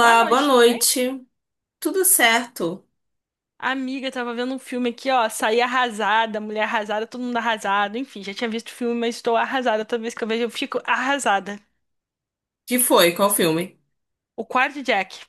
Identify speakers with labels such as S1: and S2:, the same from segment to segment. S1: Boa
S2: boa
S1: noite, tudo bem?
S2: noite. Tudo certo?
S1: Amiga, tava vendo um filme aqui, ó. Saí arrasada, mulher arrasada, todo mundo arrasado. Enfim, já tinha visto o filme, mas estou arrasada. Toda vez que eu vejo, eu fico arrasada.
S2: Que foi? Qual filme?
S1: O Quarto Jack,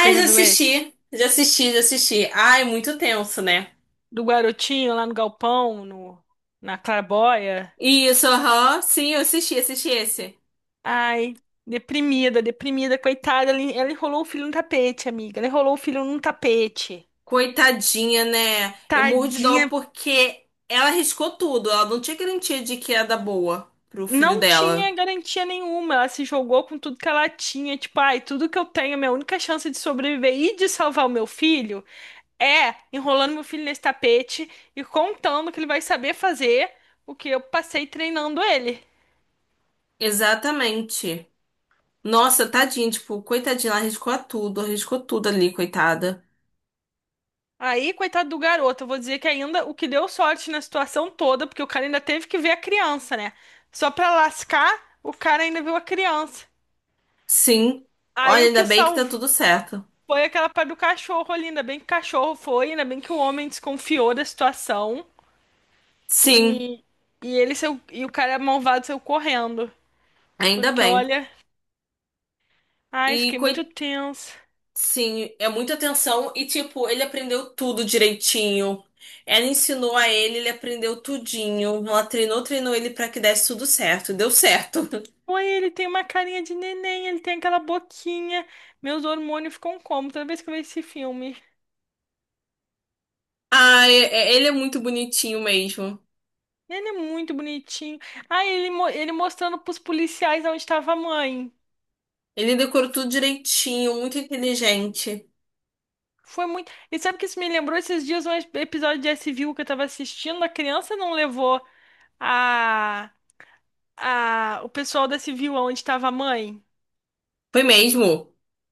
S1: você já
S2: já
S1: viu esse?
S2: assisti. Já assisti. Ai, muito tenso, né?
S1: Do garotinho lá no galpão, no, na claraboia.
S2: Isso, aham. Sim, eu assisti, esse.
S1: Ai, deprimida, deprimida, coitada. Ela enrolou o filho no tapete, amiga. Ela enrolou o filho num tapete.
S2: Coitadinha, né? Eu morro de dó
S1: Tadinha,
S2: porque ela arriscou tudo. Ela não tinha garantia de que ia dar boa pro filho
S1: não tinha
S2: dela.
S1: garantia nenhuma. Ela se jogou com tudo que ela tinha. Tipo, ai, tudo que eu tenho, minha única chance de sobreviver e de salvar o meu filho é enrolando meu filho nesse tapete e contando que ele vai saber fazer o que eu passei treinando ele.
S2: Exatamente. Nossa, tadinha, tipo, coitadinha, ela arriscou a tudo, arriscou tudo ali, coitada.
S1: Aí, coitado do garoto, eu vou dizer que ainda o que deu sorte na situação toda, porque o cara ainda teve que ver a criança, né? Só pra lascar, o cara ainda viu a criança.
S2: Sim.
S1: Aí
S2: Olha,
S1: o
S2: ainda
S1: que
S2: bem que tá
S1: salvou.
S2: tudo certo.
S1: Foi aquela parte do cachorro ali, ainda bem que o cachorro foi, ainda bem que o homem desconfiou da situação.
S2: Sim,
S1: E, e ele saiu, e o cara malvado saiu correndo.
S2: ainda
S1: Porque
S2: bem.
S1: olha,
S2: E,
S1: ai, fiquei muito
S2: coi-
S1: tenso.
S2: sim, é muita atenção. E, tipo, ele aprendeu tudo direitinho. Ela ensinou a ele, ele aprendeu tudinho. Ela treinou ele pra que desse tudo certo. Deu certo.
S1: Oi, ele tem uma carinha de neném, ele tem aquela boquinha. Meus hormônios ficam como toda vez que eu vejo esse filme.
S2: Ah, ele é muito bonitinho mesmo.
S1: Ele é muito bonitinho. Ah, ele, ele mostrando pros policiais onde estava a mãe.
S2: Ele decorou tudo direitinho, muito inteligente.
S1: Foi muito. E sabe que isso me lembrou esses dias um episódio de S S.V.U. que eu tava assistindo? A criança não levou a o pessoal da Civil, onde estava a mãe.
S2: Foi mesmo?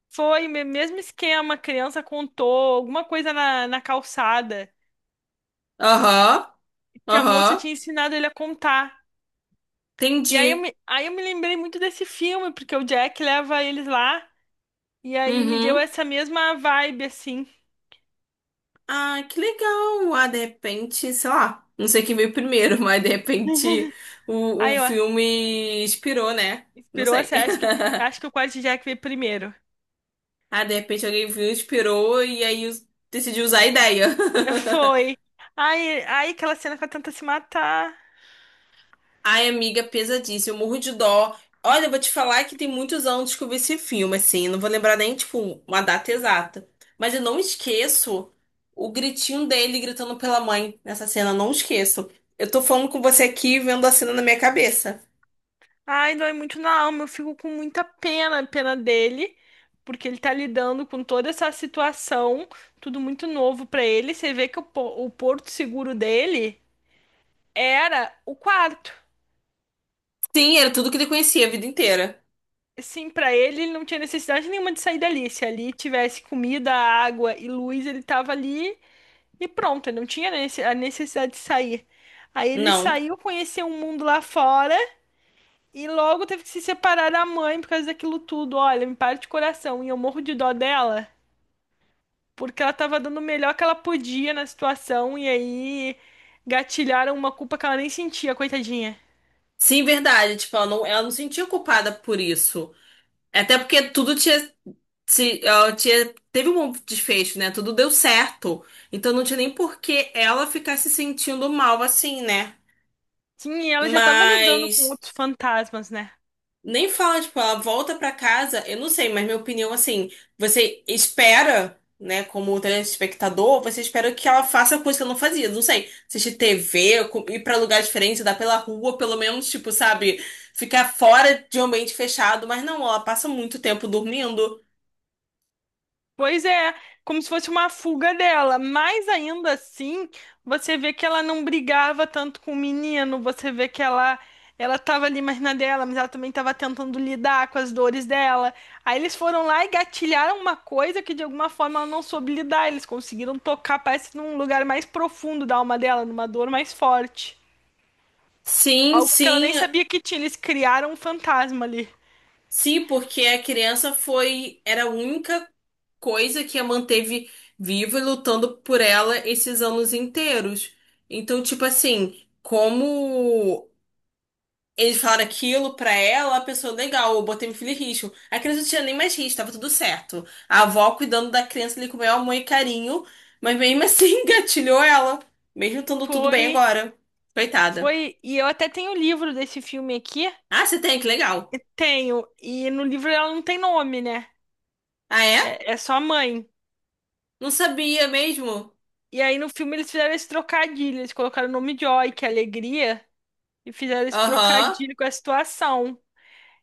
S1: Foi mesmo esquema, a criança contou alguma coisa na calçada
S2: Aham,
S1: que a moça
S2: aham.
S1: tinha ensinado ele a contar. E aí eu
S2: Entendi.
S1: me, aí eu me lembrei muito desse filme, porque o Jack leva eles lá e aí me deu
S2: Uhum.
S1: essa mesma vibe, assim.
S2: Ah, que legal! Ah, de repente, sei lá, não sei quem veio primeiro, mas de repente o
S1: Aí, ó,
S2: filme inspirou, né? Não
S1: inspirou,
S2: sei.
S1: assim, acho que o quarto Jack veio primeiro.
S2: Ah, de repente alguém viu, inspirou e aí decidiu usar a ideia.
S1: Foi. Aí aquela cena que ela tenta se matar.
S2: Ai, amiga, pesadíssimo, morro de dó. Olha, eu vou te falar que tem muitos anos que eu vi esse filme, assim, não vou lembrar nem, tipo, uma data exata. Mas eu não esqueço o gritinho dele gritando pela mãe nessa cena, não esqueço. Eu tô falando com você aqui, vendo a cena na minha cabeça.
S1: Ai, dói muito na alma. Eu fico com muita pena, pena dele, porque ele tá lidando com toda essa situação, tudo muito novo pra ele. Você vê que o porto seguro dele era o quarto.
S2: Sim, era tudo que ele conhecia a vida inteira.
S1: Assim, pra ele, ele não tinha necessidade nenhuma de sair dali. Se ali tivesse comida, água e luz, ele tava ali e pronto. Ele não tinha a necessidade de sair. Aí ele
S2: Não.
S1: saiu, conheceu um mundo lá fora. E logo teve que se separar da mãe por causa daquilo tudo. Olha, me parte o coração. E eu morro de dó dela, porque ela tava dando o melhor que ela podia na situação. E aí gatilharam uma culpa que ela nem sentia, coitadinha.
S2: Sim, verdade. Tipo, ela não se sentia culpada por isso. Até porque tudo tinha, se, ela tinha, teve um bom desfecho, né? Tudo deu certo. Então não tinha nem por que ela ficar se sentindo mal assim, né?
S1: Sim, e ela já tava lidando com
S2: Mas
S1: outros fantasmas, né?
S2: nem fala, tipo, ela volta pra casa, eu não sei, mas minha opinião, assim, você espera, né, como telespectador, você espera que ela faça coisa que ela não fazia, não sei, assistir TV, ir pra lugar diferente, andar pela rua, pelo menos, tipo, sabe, ficar fora de um ambiente fechado, mas não, ela passa muito tempo dormindo.
S1: Pois é, como se fosse uma fuga dela, mas ainda assim, você vê que ela não brigava tanto com o menino, você vê que ela tava ali mais na dela, mas ela também estava tentando lidar com as dores dela. Aí eles foram lá e gatilharam uma coisa que de alguma forma ela não soube lidar, eles conseguiram tocar, parece num lugar mais profundo da alma dela, numa dor mais forte.
S2: Sim,
S1: Algo que ela
S2: sim,
S1: nem sabia que tinha, eles criaram um fantasma ali.
S2: sim, porque a criança foi, era a única coisa que a manteve viva e lutando por ela esses anos inteiros. Então, tipo assim, como eles falaram aquilo pra ela, a pessoa, legal, eu botei meu filho em risco. A criança não tinha nem mais risco, tava tudo certo. A avó cuidando da criança ali com o maior amor e carinho, mas mesmo assim engatilhou ela, mesmo estando tudo bem
S1: Foi,
S2: agora. Coitada.
S1: foi, e eu até tenho o livro desse filme aqui.
S2: Ah, você tem, que legal.
S1: Tenho. E no livro ela não tem nome, né?
S2: Ah, é?
S1: É, é só a mãe.
S2: Não sabia mesmo?
S1: E aí no filme eles fizeram esse trocadilho. Eles colocaram o nome Joy, que é alegria, e fizeram esse
S2: Aham.
S1: trocadilho com a situação.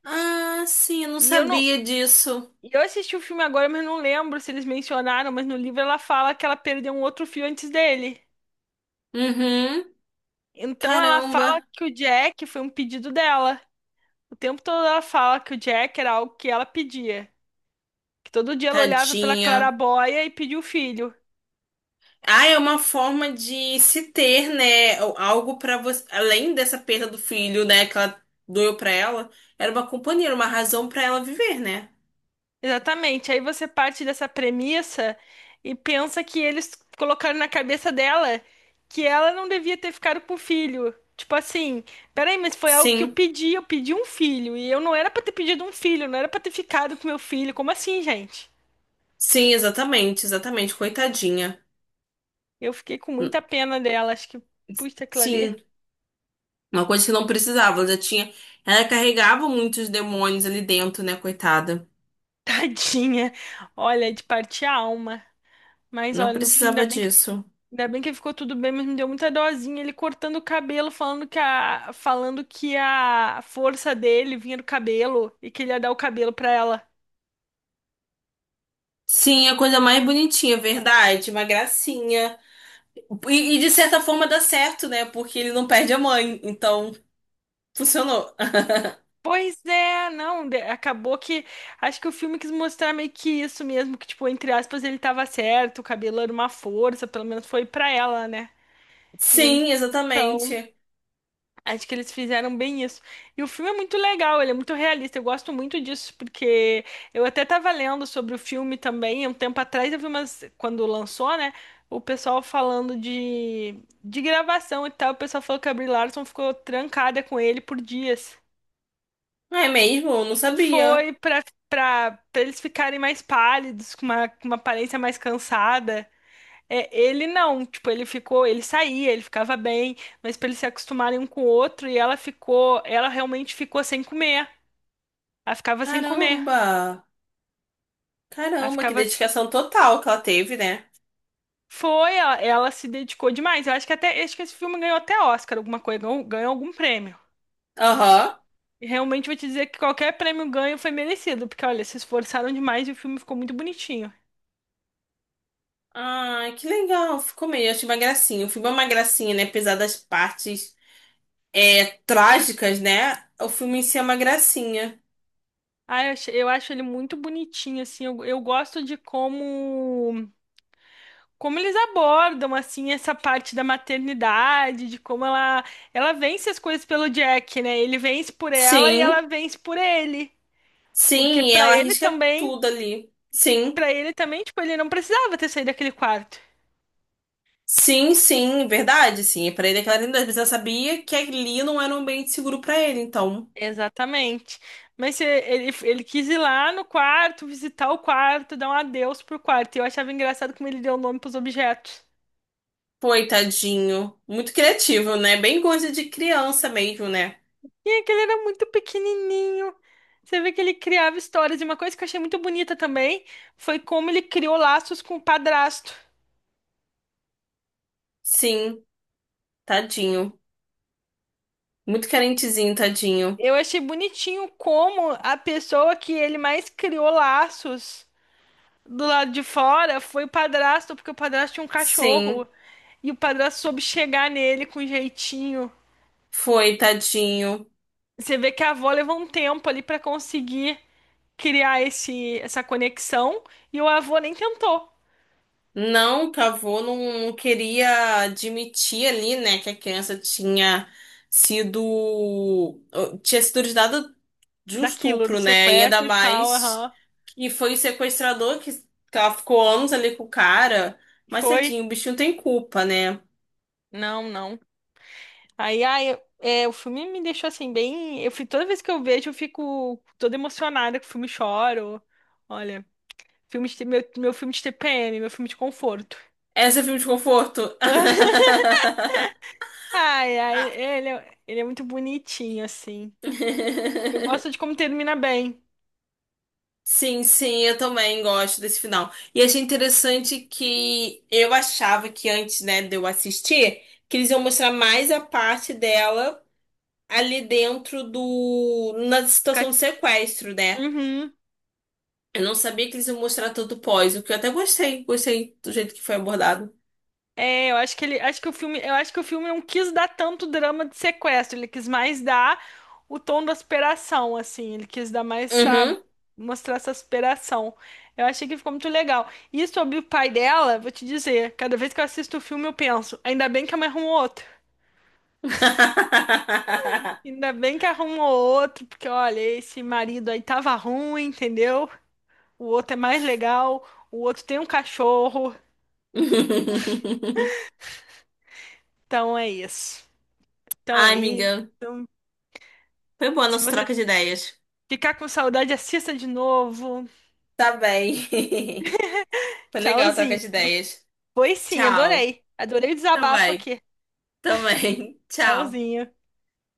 S2: Ah, sim, eu não
S1: E eu não.
S2: sabia disso.
S1: Eu assisti o filme agora, mas não lembro se eles mencionaram, mas no livro ela fala que ela perdeu um outro fio antes dele.
S2: Uhum.
S1: Então ela fala
S2: Caramba,
S1: que o Jack foi um pedido dela. O tempo todo ela fala que o Jack era algo que ela pedia. Que todo dia ela olhava pela
S2: tadinha.
S1: claraboia e pedia o filho.
S2: Ah, é uma forma de se ter, né? Algo pra você, além dessa perda do filho, né, que ela doeu pra ela, era uma companheira, uma razão pra ela viver, né?
S1: Exatamente. Aí você parte dessa premissa e pensa que eles colocaram na cabeça dela que ela não devia ter ficado com o filho. Tipo assim, peraí, mas foi algo que
S2: Sim.
S1: eu pedi um filho e eu não era pra ter pedido um filho, não era pra ter ficado com meu filho. Como assim, gente?
S2: Sim, exatamente, exatamente, coitadinha.
S1: Eu fiquei com muita pena dela, acho que puxa aquilo ali,
S2: Sim, uma coisa que não precisava, ela já tinha, ela carregava muitos demônios ali dentro, né, coitada.
S1: tadinha. Olha, é de partir a alma. Mas
S2: Não
S1: olha, no fim,
S2: precisava disso.
S1: Ainda bem que ficou tudo bem, mas me deu muita dosinha ele cortando o cabelo, falando que falando que a força dele vinha do cabelo e que ele ia dar o cabelo pra ela.
S2: Sim, a coisa mais bonitinha, verdade, uma gracinha. E de certa forma dá certo, né? Porque ele não perde a mãe. Então, funcionou.
S1: Pois é, não, acabou que acho que o filme quis mostrar meio que isso mesmo, que tipo, entre aspas, ele tava certo, o cabelo era uma força, pelo menos foi pra ela, né?
S2: Sim,
S1: Então,
S2: exatamente.
S1: acho que eles fizeram bem isso. E o filme é muito legal, ele é muito realista. Eu gosto muito disso, porque eu até estava lendo sobre o filme também. Um tempo atrás eu vi umas, quando lançou, né? O pessoal falando de gravação e tal. O pessoal falou que a Brie Larson ficou trancada com ele por dias.
S2: Ah, é mesmo? Eu não sabia.
S1: Foi para Para eles ficarem mais pálidos, com uma aparência mais cansada. É, ele não, tipo, ele ficou, ele saía, ele ficava bem, mas pra eles se acostumarem um com o outro, e ela ficou, ela realmente ficou sem comer. Ela ficava sem comer.
S2: Caramba!
S1: Ela
S2: Caramba, que
S1: ficava.
S2: dedicação total que ela teve, né?
S1: Foi, ela se dedicou demais. Eu acho que até, acho que esse filme ganhou até Oscar, alguma coisa, ganhou, ganhou algum prêmio.
S2: Aham.
S1: E realmente vou te dizer que qualquer prêmio ganho foi merecido, porque olha, se esforçaram demais e o filme ficou muito bonitinho.
S2: Ai, que legal. Ficou meio. Achei uma gracinha. O filme é uma gracinha, né? Apesar das partes trágicas, né? O filme em si é uma gracinha.
S1: Ah, eu, eu acho ele muito bonitinho, assim, eu gosto de como como eles abordam assim essa parte da maternidade, de como ela vence as coisas pelo Jack, né? Ele vence por ela e
S2: Sim,
S1: ela vence por ele, porque
S2: sim. E
S1: pra
S2: ela
S1: ele
S2: arrisca
S1: também,
S2: tudo ali. Sim.
S1: para ele também, tipo, ele não precisava ter saído daquele quarto.
S2: Sim, verdade, sim. Pra ele é clarinidade, mas ela sabia que ali não era um ambiente seguro pra ele, então.
S1: Exatamente. Mas ele, ele quis ir lá no quarto, visitar o quarto, dar um adeus pro quarto. E eu achava engraçado como ele deu o nome pros objetos.
S2: Coitadinho. Muito criativo, né? Bem coisa de criança mesmo, né?
S1: E aquele era muito pequenininho. Você vê que ele criava histórias. E uma coisa que eu achei muito bonita também foi como ele criou laços com o padrasto.
S2: Sim, tadinho. Muito carentezinho, tadinho.
S1: Eu achei bonitinho como a pessoa que ele mais criou laços do lado de fora foi o padrasto, porque o padrasto tinha um
S2: Sim,
S1: cachorro. E o padrasto soube chegar nele com jeitinho.
S2: foi, tadinho.
S1: Você vê que a avó levou um tempo ali pra conseguir criar essa conexão. E o avô nem tentou
S2: Não, que a avó não, não queria admitir ali, né, que a criança sido. tinha sido dada de um
S1: daquilo, do
S2: estupro, né? E ainda
S1: sequestro e tal.
S2: mais
S1: Aham.
S2: que foi o sequestrador que ela ficou anos ali com o cara. Mas
S1: Foi?
S2: tadinho, o bichinho tem culpa, né?
S1: Não, não. Aí, ai, eu- é, o filme me deixou assim bem. Eu fui toda vez que eu vejo, eu fico toda emocionada com o filme, choro. Olha, meu, meu filme de TPM, meu filme de conforto.
S2: Essa é filme de conforto. Ah.
S1: Ele é muito bonitinho assim. Eu gosto de como termina bem.
S2: Sim, sim, eu também gosto desse final. E achei interessante que eu achava que antes, né, de eu assistir, que eles iam mostrar mais a parte dela ali dentro do… na situação do
S1: Ca-
S2: sequestro, né?
S1: Uhum.
S2: Eu não sabia que eles iam mostrar todo o pós, o que eu até gostei. Gostei do jeito que foi abordado.
S1: É, eu acho que ele, acho que o filme, eu acho que o filme não quis dar tanto drama de sequestro, ele quis mais dar o tom da aspiração, assim, ele quis dar mais essa,
S2: Uhum.
S1: mostrar essa aspiração. Eu achei que ficou muito legal. E sobre o pai dela, vou te dizer, cada vez que eu assisto o filme eu penso, ainda bem que a mãe arrumou outro. Ainda bem que arrumou outro, porque olha, esse marido aí tava ruim, entendeu? O outro é mais legal, o outro tem um cachorro, então é isso. Então
S2: Ai,
S1: é isso.
S2: amiga. Foi boa a nossa troca de ideias.
S1: Ficar com saudade, assista de novo.
S2: Tá bem. Foi legal a troca
S1: Tchauzinho.
S2: de ideias.
S1: Foi sim,
S2: Tchau.
S1: adorei. Adorei o
S2: Tá
S1: desabafo
S2: bem.
S1: aqui.
S2: Também. Tchau.
S1: Tchauzinho.